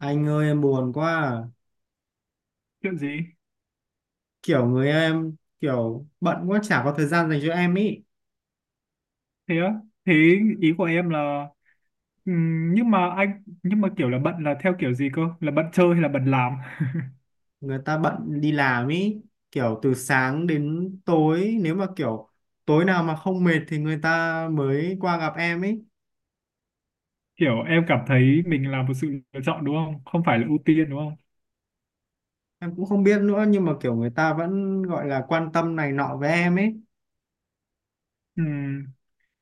Anh ơi em buồn quá à. Chuyện gì? Kiểu người em kiểu bận quá chả có thời gian dành cho em ý. Thế á? Thế, ý của em là... nhưng mà kiểu là bận là theo kiểu gì cơ, là bận chơi hay là bận làm? Người ta bận đi làm ý. Kiểu từ sáng đến tối nếu mà kiểu tối nào mà không mệt thì người ta mới qua gặp em ý. Kiểu em cảm thấy mình là một sự lựa chọn, đúng không? Không phải là ưu tiên, đúng không? Em cũng không biết nữa nhưng mà kiểu người ta vẫn gọi là quan tâm này nọ với em ấy. Ừm,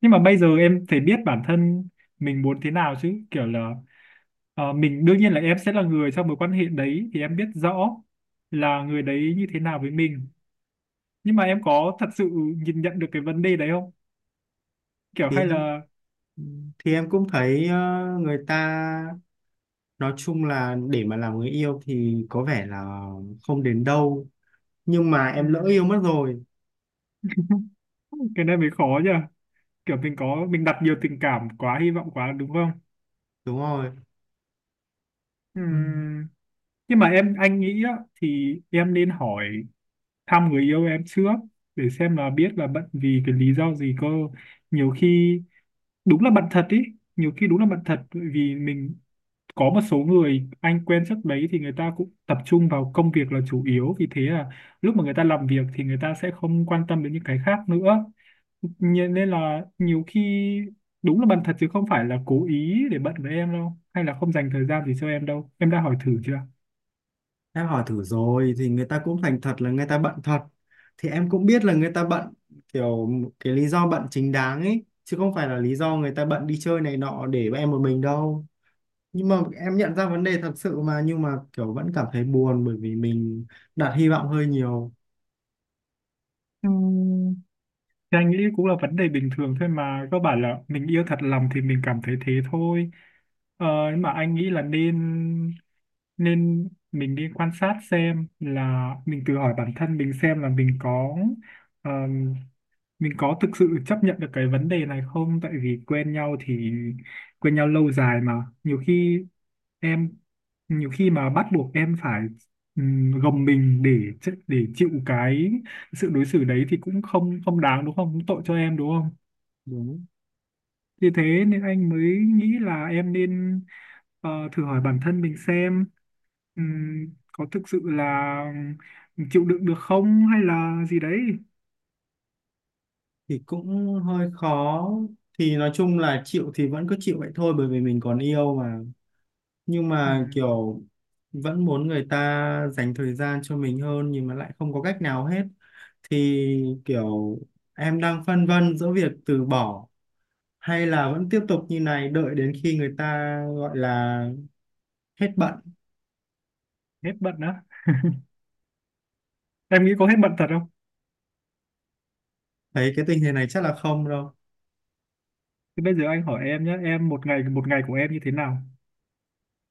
nhưng mà bây giờ em phải biết bản thân mình muốn thế nào, chứ kiểu là mình, đương nhiên là em sẽ là người trong mối quan hệ đấy thì em biết rõ là người đấy như thế nào với mình, nhưng mà em có thật sự nhìn nhận được cái vấn đề đấy không? Kiểu thì hay em là... thì em cũng thấy người ta nói chung là để mà làm người yêu thì có vẻ là không đến đâu, nhưng mà em lỡ ừm, yêu mất rồi. cái này mới khó nhỉ. Kiểu mình có mình đặt nhiều tình cảm quá, hy vọng quá, đúng không? Đúng rồi. Ừ. Ừm, nhưng mà em anh nghĩ á, thì em nên hỏi thăm người yêu em trước, để xem là biết là bận vì cái lý do gì cơ. Nhiều khi đúng là bận thật ý. Nhiều khi đúng là bận thật, bởi vì mình có một số người anh quen trước đấy thì người ta cũng tập trung vào công việc là chủ yếu, vì thế là lúc mà người ta làm việc thì người ta sẽ không quan tâm đến những cái khác nữa. Nên là nhiều khi đúng là bận thật, chứ không phải là cố ý để bận với em đâu, hay là không dành thời gian gì cho em đâu. Em đã hỏi thử chưa? Em hỏi thử rồi thì người ta cũng thành thật là người ta bận thật. Thì em cũng biết là người ta bận kiểu cái lý do bận chính đáng ấy, chứ không phải là lý do người ta bận đi chơi này nọ để em một mình đâu. Nhưng mà em nhận ra vấn đề thật sự mà nhưng mà kiểu vẫn cảm thấy buồn bởi vì mình đặt hy vọng hơi nhiều. Thì anh nghĩ cũng là vấn đề bình thường thôi mà, cơ bản là mình yêu thật lòng thì mình cảm thấy thế thôi. Nhưng mà anh nghĩ là nên, nên mình đi quan sát xem là mình tự hỏi bản thân mình xem là ờm, mình có thực sự chấp nhận được cái vấn đề này không. Tại vì quen nhau thì quen nhau lâu dài mà, nhiều khi em nhiều khi mà bắt buộc em phải gồng mình để để chịu cái sự đối xử đấy thì cũng không, không đáng, đúng không? Cũng tội cho em, đúng không? Đúng. Vì thế nên anh mới nghĩ là em nên thử hỏi bản thân mình xem có thực sự là chịu đựng được không hay là gì đấy. Thì cũng hơi khó. Thì nói chung là chịu thì vẫn cứ chịu vậy thôi bởi vì mình còn yêu mà. Nhưng mà Ừm, kiểu vẫn muốn người ta dành thời gian cho mình hơn, nhưng mà lại không có cách nào hết thì kiểu em đang phân vân giữa việc từ bỏ hay là vẫn tiếp tục như này đợi đến khi người ta gọi là hết bận. Hết bận á? Em nghĩ có hết bận thật không? Thấy cái tình hình này chắc là không đâu. Thì bây giờ anh hỏi em nhé, em một ngày, của em như thế nào?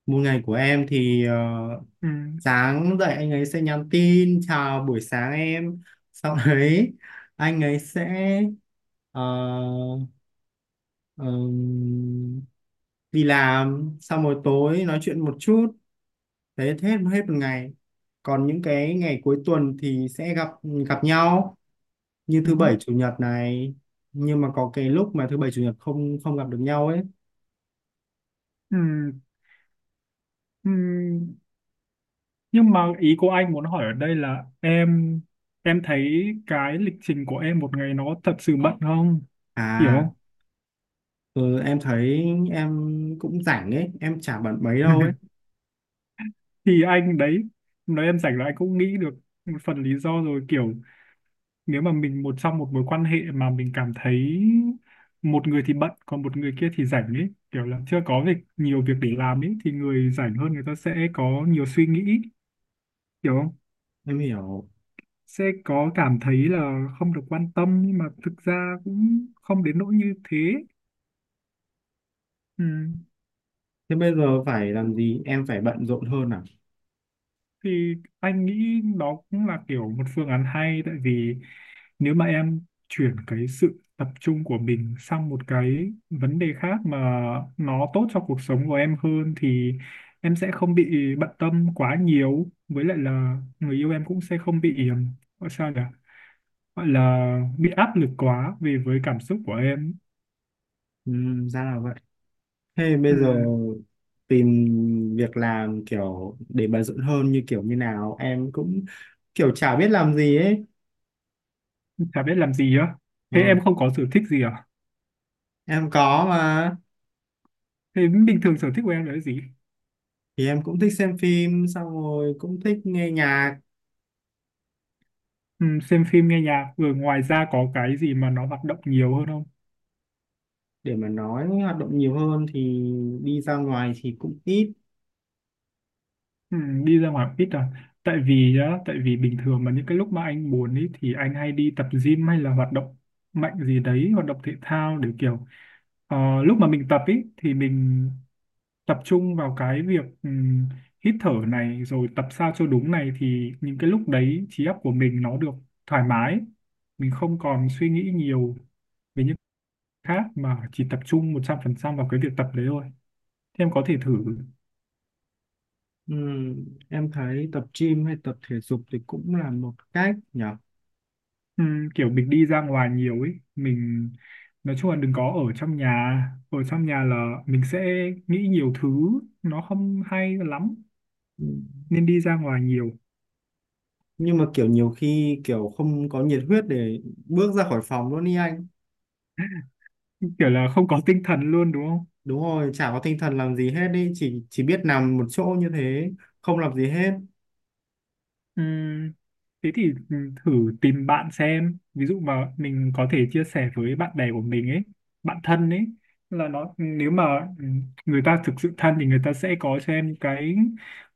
Một ngày của em thì Ừm. sáng dậy anh ấy sẽ nhắn tin chào buổi sáng em, sau đấy anh ấy sẽ ờ, ờm, đi làm, sau rồi tối nói chuyện một chút, đấy hết hết một ngày. Còn những cái ngày cuối tuần thì sẽ gặp gặp nhau, như thứ bảy Ừm. chủ nhật này. Nhưng mà có cái lúc mà thứ bảy chủ nhật không không gặp được nhau ấy. Ừm. Ừm. Nhưng mà ý của anh muốn hỏi ở đây là em thấy cái lịch trình của em một ngày nó thật sự bận không? Hiểu À, không? ừ, em thấy em cũng rảnh ấy, em chả bận mấy đâu ấy. Thì anh đấy, nói em rảnh là anh cũng nghĩ được một phần lý do rồi. Kiểu nếu mà mình một trong một mối quan hệ mà mình cảm thấy một người thì bận, còn một người kia thì rảnh ấy, kiểu là chưa có việc, nhiều việc để làm ấy, thì người rảnh hơn, người ta sẽ có nhiều suy nghĩ, hiểu không? Em hiểu. Sẽ có cảm thấy là không được quan tâm, nhưng mà thực ra cũng không đến nỗi như thế. Ừ. Thế bây giờ phải làm gì, em phải bận rộn hơn à? Thì anh nghĩ đó cũng là kiểu một phương án hay, tại vì nếu mà em chuyển cái sự tập trung của mình sang một cái vấn đề khác mà nó tốt cho cuộc sống của em hơn thì em sẽ không bị bận tâm quá nhiều, với lại là người yêu em cũng sẽ không bị gọi sao nhỉ, gọi là bị áp lực quá về với cảm xúc của em. Ừ, ra là vậy. Thế Ừ, bây giờ tìm việc làm kiểu để bận rộn hơn như kiểu như nào em cũng kiểu chả biết làm gì ấy. chả biết làm gì á? Thế Ừ, em không có sở thích gì à? em có mà. Thế bình thường sở thích của em là cái gì? Thì em cũng thích xem phim xong rồi cũng thích nghe nhạc. Ừ, xem phim nghe nhạc rồi, ngoài ra có cái gì mà nó hoạt động nhiều hơn không? Để mà nói hoạt động nhiều hơn thì đi ra ngoài thì cũng ít. Ừ, đi ra ngoài cũng ít à? Tại vì á, tại vì bình thường mà những cái lúc mà anh buồn ấy thì anh hay đi tập gym hay là hoạt động mạnh gì đấy, hoạt động thể thao, để kiểu lúc mà mình tập ấy thì mình tập trung vào cái việc hít thở này, rồi tập sao cho đúng này, thì những cái lúc đấy trí óc của mình nó được thoải mái, mình không còn suy nghĩ nhiều về những khác, mà chỉ tập trung 100% vào cái việc tập đấy thôi. Thì em có thể thử. Em thấy tập gym hay tập thể dục thì cũng là một cách nhỉ. Kiểu mình đi ra ngoài nhiều ấy, mình nói chung là đừng có ở trong nhà, ở trong nhà là mình sẽ nghĩ nhiều thứ, nó không hay lắm, Ừm, nên đi ra ngoài nhiều. nhưng mà kiểu nhiều khi kiểu không có nhiệt huyết để bước ra khỏi phòng luôn đi anh. Kiểu là không có tinh thần luôn đúng không? Đúng rồi, chả có tinh thần làm gì hết đi, chỉ biết nằm một chỗ như thế, không làm gì hết. Ừm, Thế thì thử tìm bạn xem, ví dụ mà mình có thể chia sẻ với bạn bè của mình ấy, bạn thân ấy, là nó nếu mà người ta thực sự thân thì người ta sẽ có cho em những cái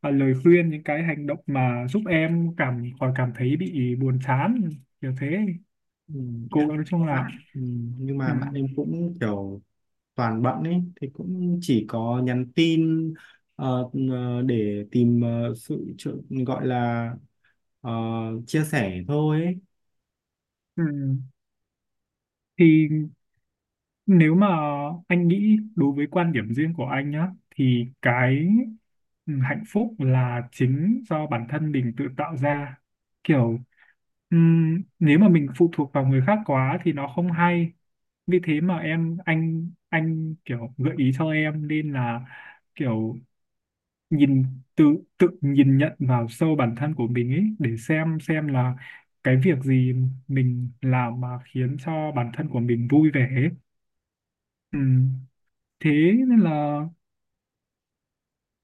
lời khuyên, những cái hành động mà giúp em cảm thấy bị buồn chán, kiểu thế. Cố Em gắng, nói chung có là bạn. Nhưng mà bạn ừm, em cũng kiểu toàn bận ấy thì cũng chỉ có nhắn tin để tìm sự trợ- gọi là ờ, chia sẻ thôi ấy. ừm, thì. Nếu mà anh nghĩ, đối với quan điểm riêng của anh nhá, thì cái hạnh phúc là chính do bản thân mình tự tạo ra. Kiểu nếu mà mình phụ thuộc vào người khác quá thì nó không hay. Vì thế mà anh kiểu gợi ý cho em, nên là kiểu nhìn tự tự nhìn nhận vào sâu bản thân của mình ấy, để xem là cái việc gì mình làm mà khiến cho bản thân của mình vui vẻ ấy. Ừ, thế nên là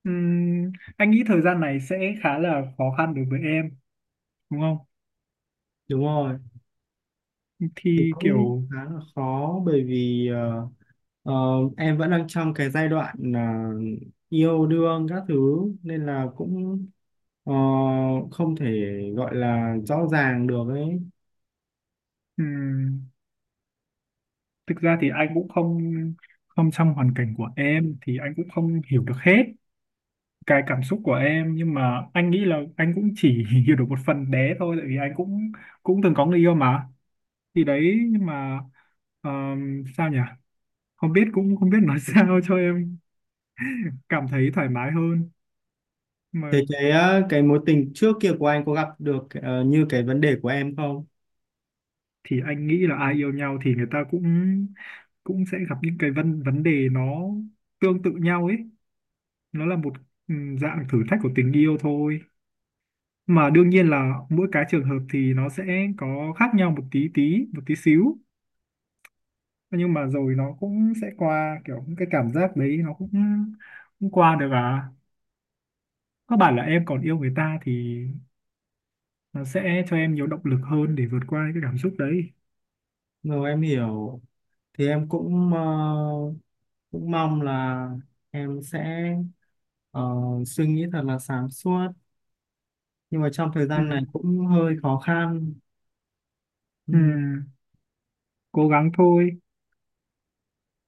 anh nghĩ thời gian này sẽ khá là khó khăn đối với em, đúng không? Đúng rồi. Thì Thì cũng kiểu khá là khó bởi vì ờ, em vẫn đang trong cái giai đoạn là yêu đương các thứ, nên là cũng ờ, không thể gọi là rõ ràng được ấy. ừm, thực ra thì anh cũng không, không trong hoàn cảnh của em thì anh cũng không hiểu được hết cái cảm xúc của em, nhưng mà anh nghĩ là anh cũng chỉ hiểu được một phần bé thôi, tại vì anh cũng, cũng từng có người yêu mà. Thì đấy, nhưng mà sao nhỉ, không biết, cũng không biết nói sao cho em cảm thấy thoải mái hơn mà. Thế cái cái mối tình trước kia của anh có gặp được như cái vấn đề của em không? Thì anh nghĩ là ai yêu nhau thì người ta cũng, cũng sẽ gặp những cái vấn vấn đề nó tương tự nhau ấy. Nó là một ừ, dạng thử thách của tình yêu thôi mà. Đương nhiên là mỗi cái trường hợp thì nó sẽ có khác nhau một tí tí, một tí xíu, nhưng mà rồi nó cũng sẽ qua. Kiểu cái cảm giác đấy nó cũng, cũng qua được à. Có bảo là em còn yêu người ta thì nó sẽ cho em nhiều động lực hơn để vượt qua cái cảm xúc đấy. Rồi em hiểu. Thì em cũng cũng mong là em sẽ ờ, suy nghĩ thật là sáng suốt, nhưng mà trong thời Ừ. gian này cũng hơi khó khăn. Ừ. Ừ, cố gắng thôi.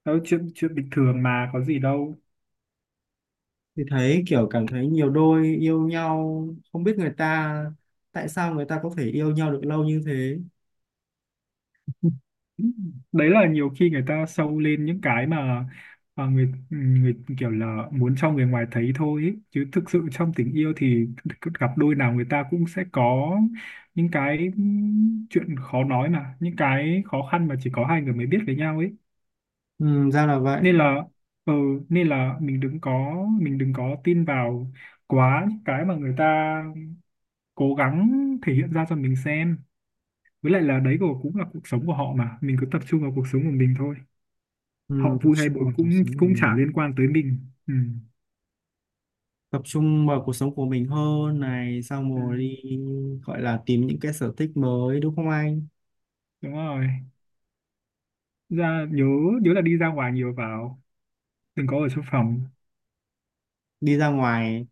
Đó, chuyện chuyện bình thường mà có gì đâu. Thì thấy kiểu cảm thấy nhiều đôi yêu nhau không biết người ta tại sao người ta có thể yêu nhau được lâu như thế. Đấy là nhiều khi người ta sâu lên những cái mà người người kiểu là muốn cho người ngoài thấy thôi ấy, chứ thực sự trong tình yêu thì gặp đôi nào người ta cũng sẽ có những cái chuyện khó nói mà, những cái khó khăn mà chỉ có hai người mới biết với nhau ấy. Ừ, ra là vậy. Nên là ừ, mình đừng có, tin vào quá những cái mà người ta cố gắng thể hiện ra cho mình xem. Với lại là đấy, của cũng là cuộc sống của họ mà, mình cứ tập trung vào cuộc sống của mình thôi. Ừ, Họ tập vui hay trung buồn vào cuộc cũng, sống của chả mình. liên quan tới mình. Ừ. Tập trung vào cuộc sống của mình hơn này, xong Ừ. rồi đi gọi là tìm những cái sở thích mới đúng không anh. Đúng rồi. Ra nhớ, là đi ra ngoài nhiều vào, đừng có ở trong phòng. Đi ra ngoài,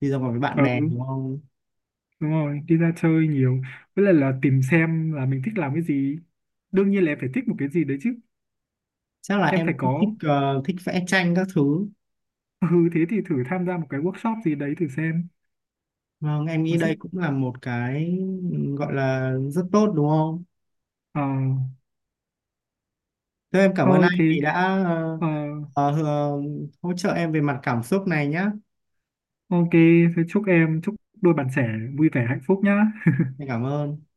đi ra ngoài với bạn Ừ, bè đúng không. đúng rồi, đi ra chơi nhiều, với lại là tìm xem là mình thích làm cái gì. Đương nhiên là em phải thích một cái gì đấy chứ. Chắc là Em em phải cũng thích có. Thích vẽ tranh các thứ. Ừ, thế thì thử tham gia một cái workshop gì đấy thử xem. Vâng em nghĩ Nó sẽ... đây cũng là một cái gọi là rất tốt đúng không. ờ Thế em cảm ơn thôi anh thì vì đã ờ ờ, ờ, hỗ trợ em về mặt cảm xúc này nhá. ok. Thế chúc em, đôi bạn trẻ vui vẻ hạnh phúc nhá. Em cảm ơn.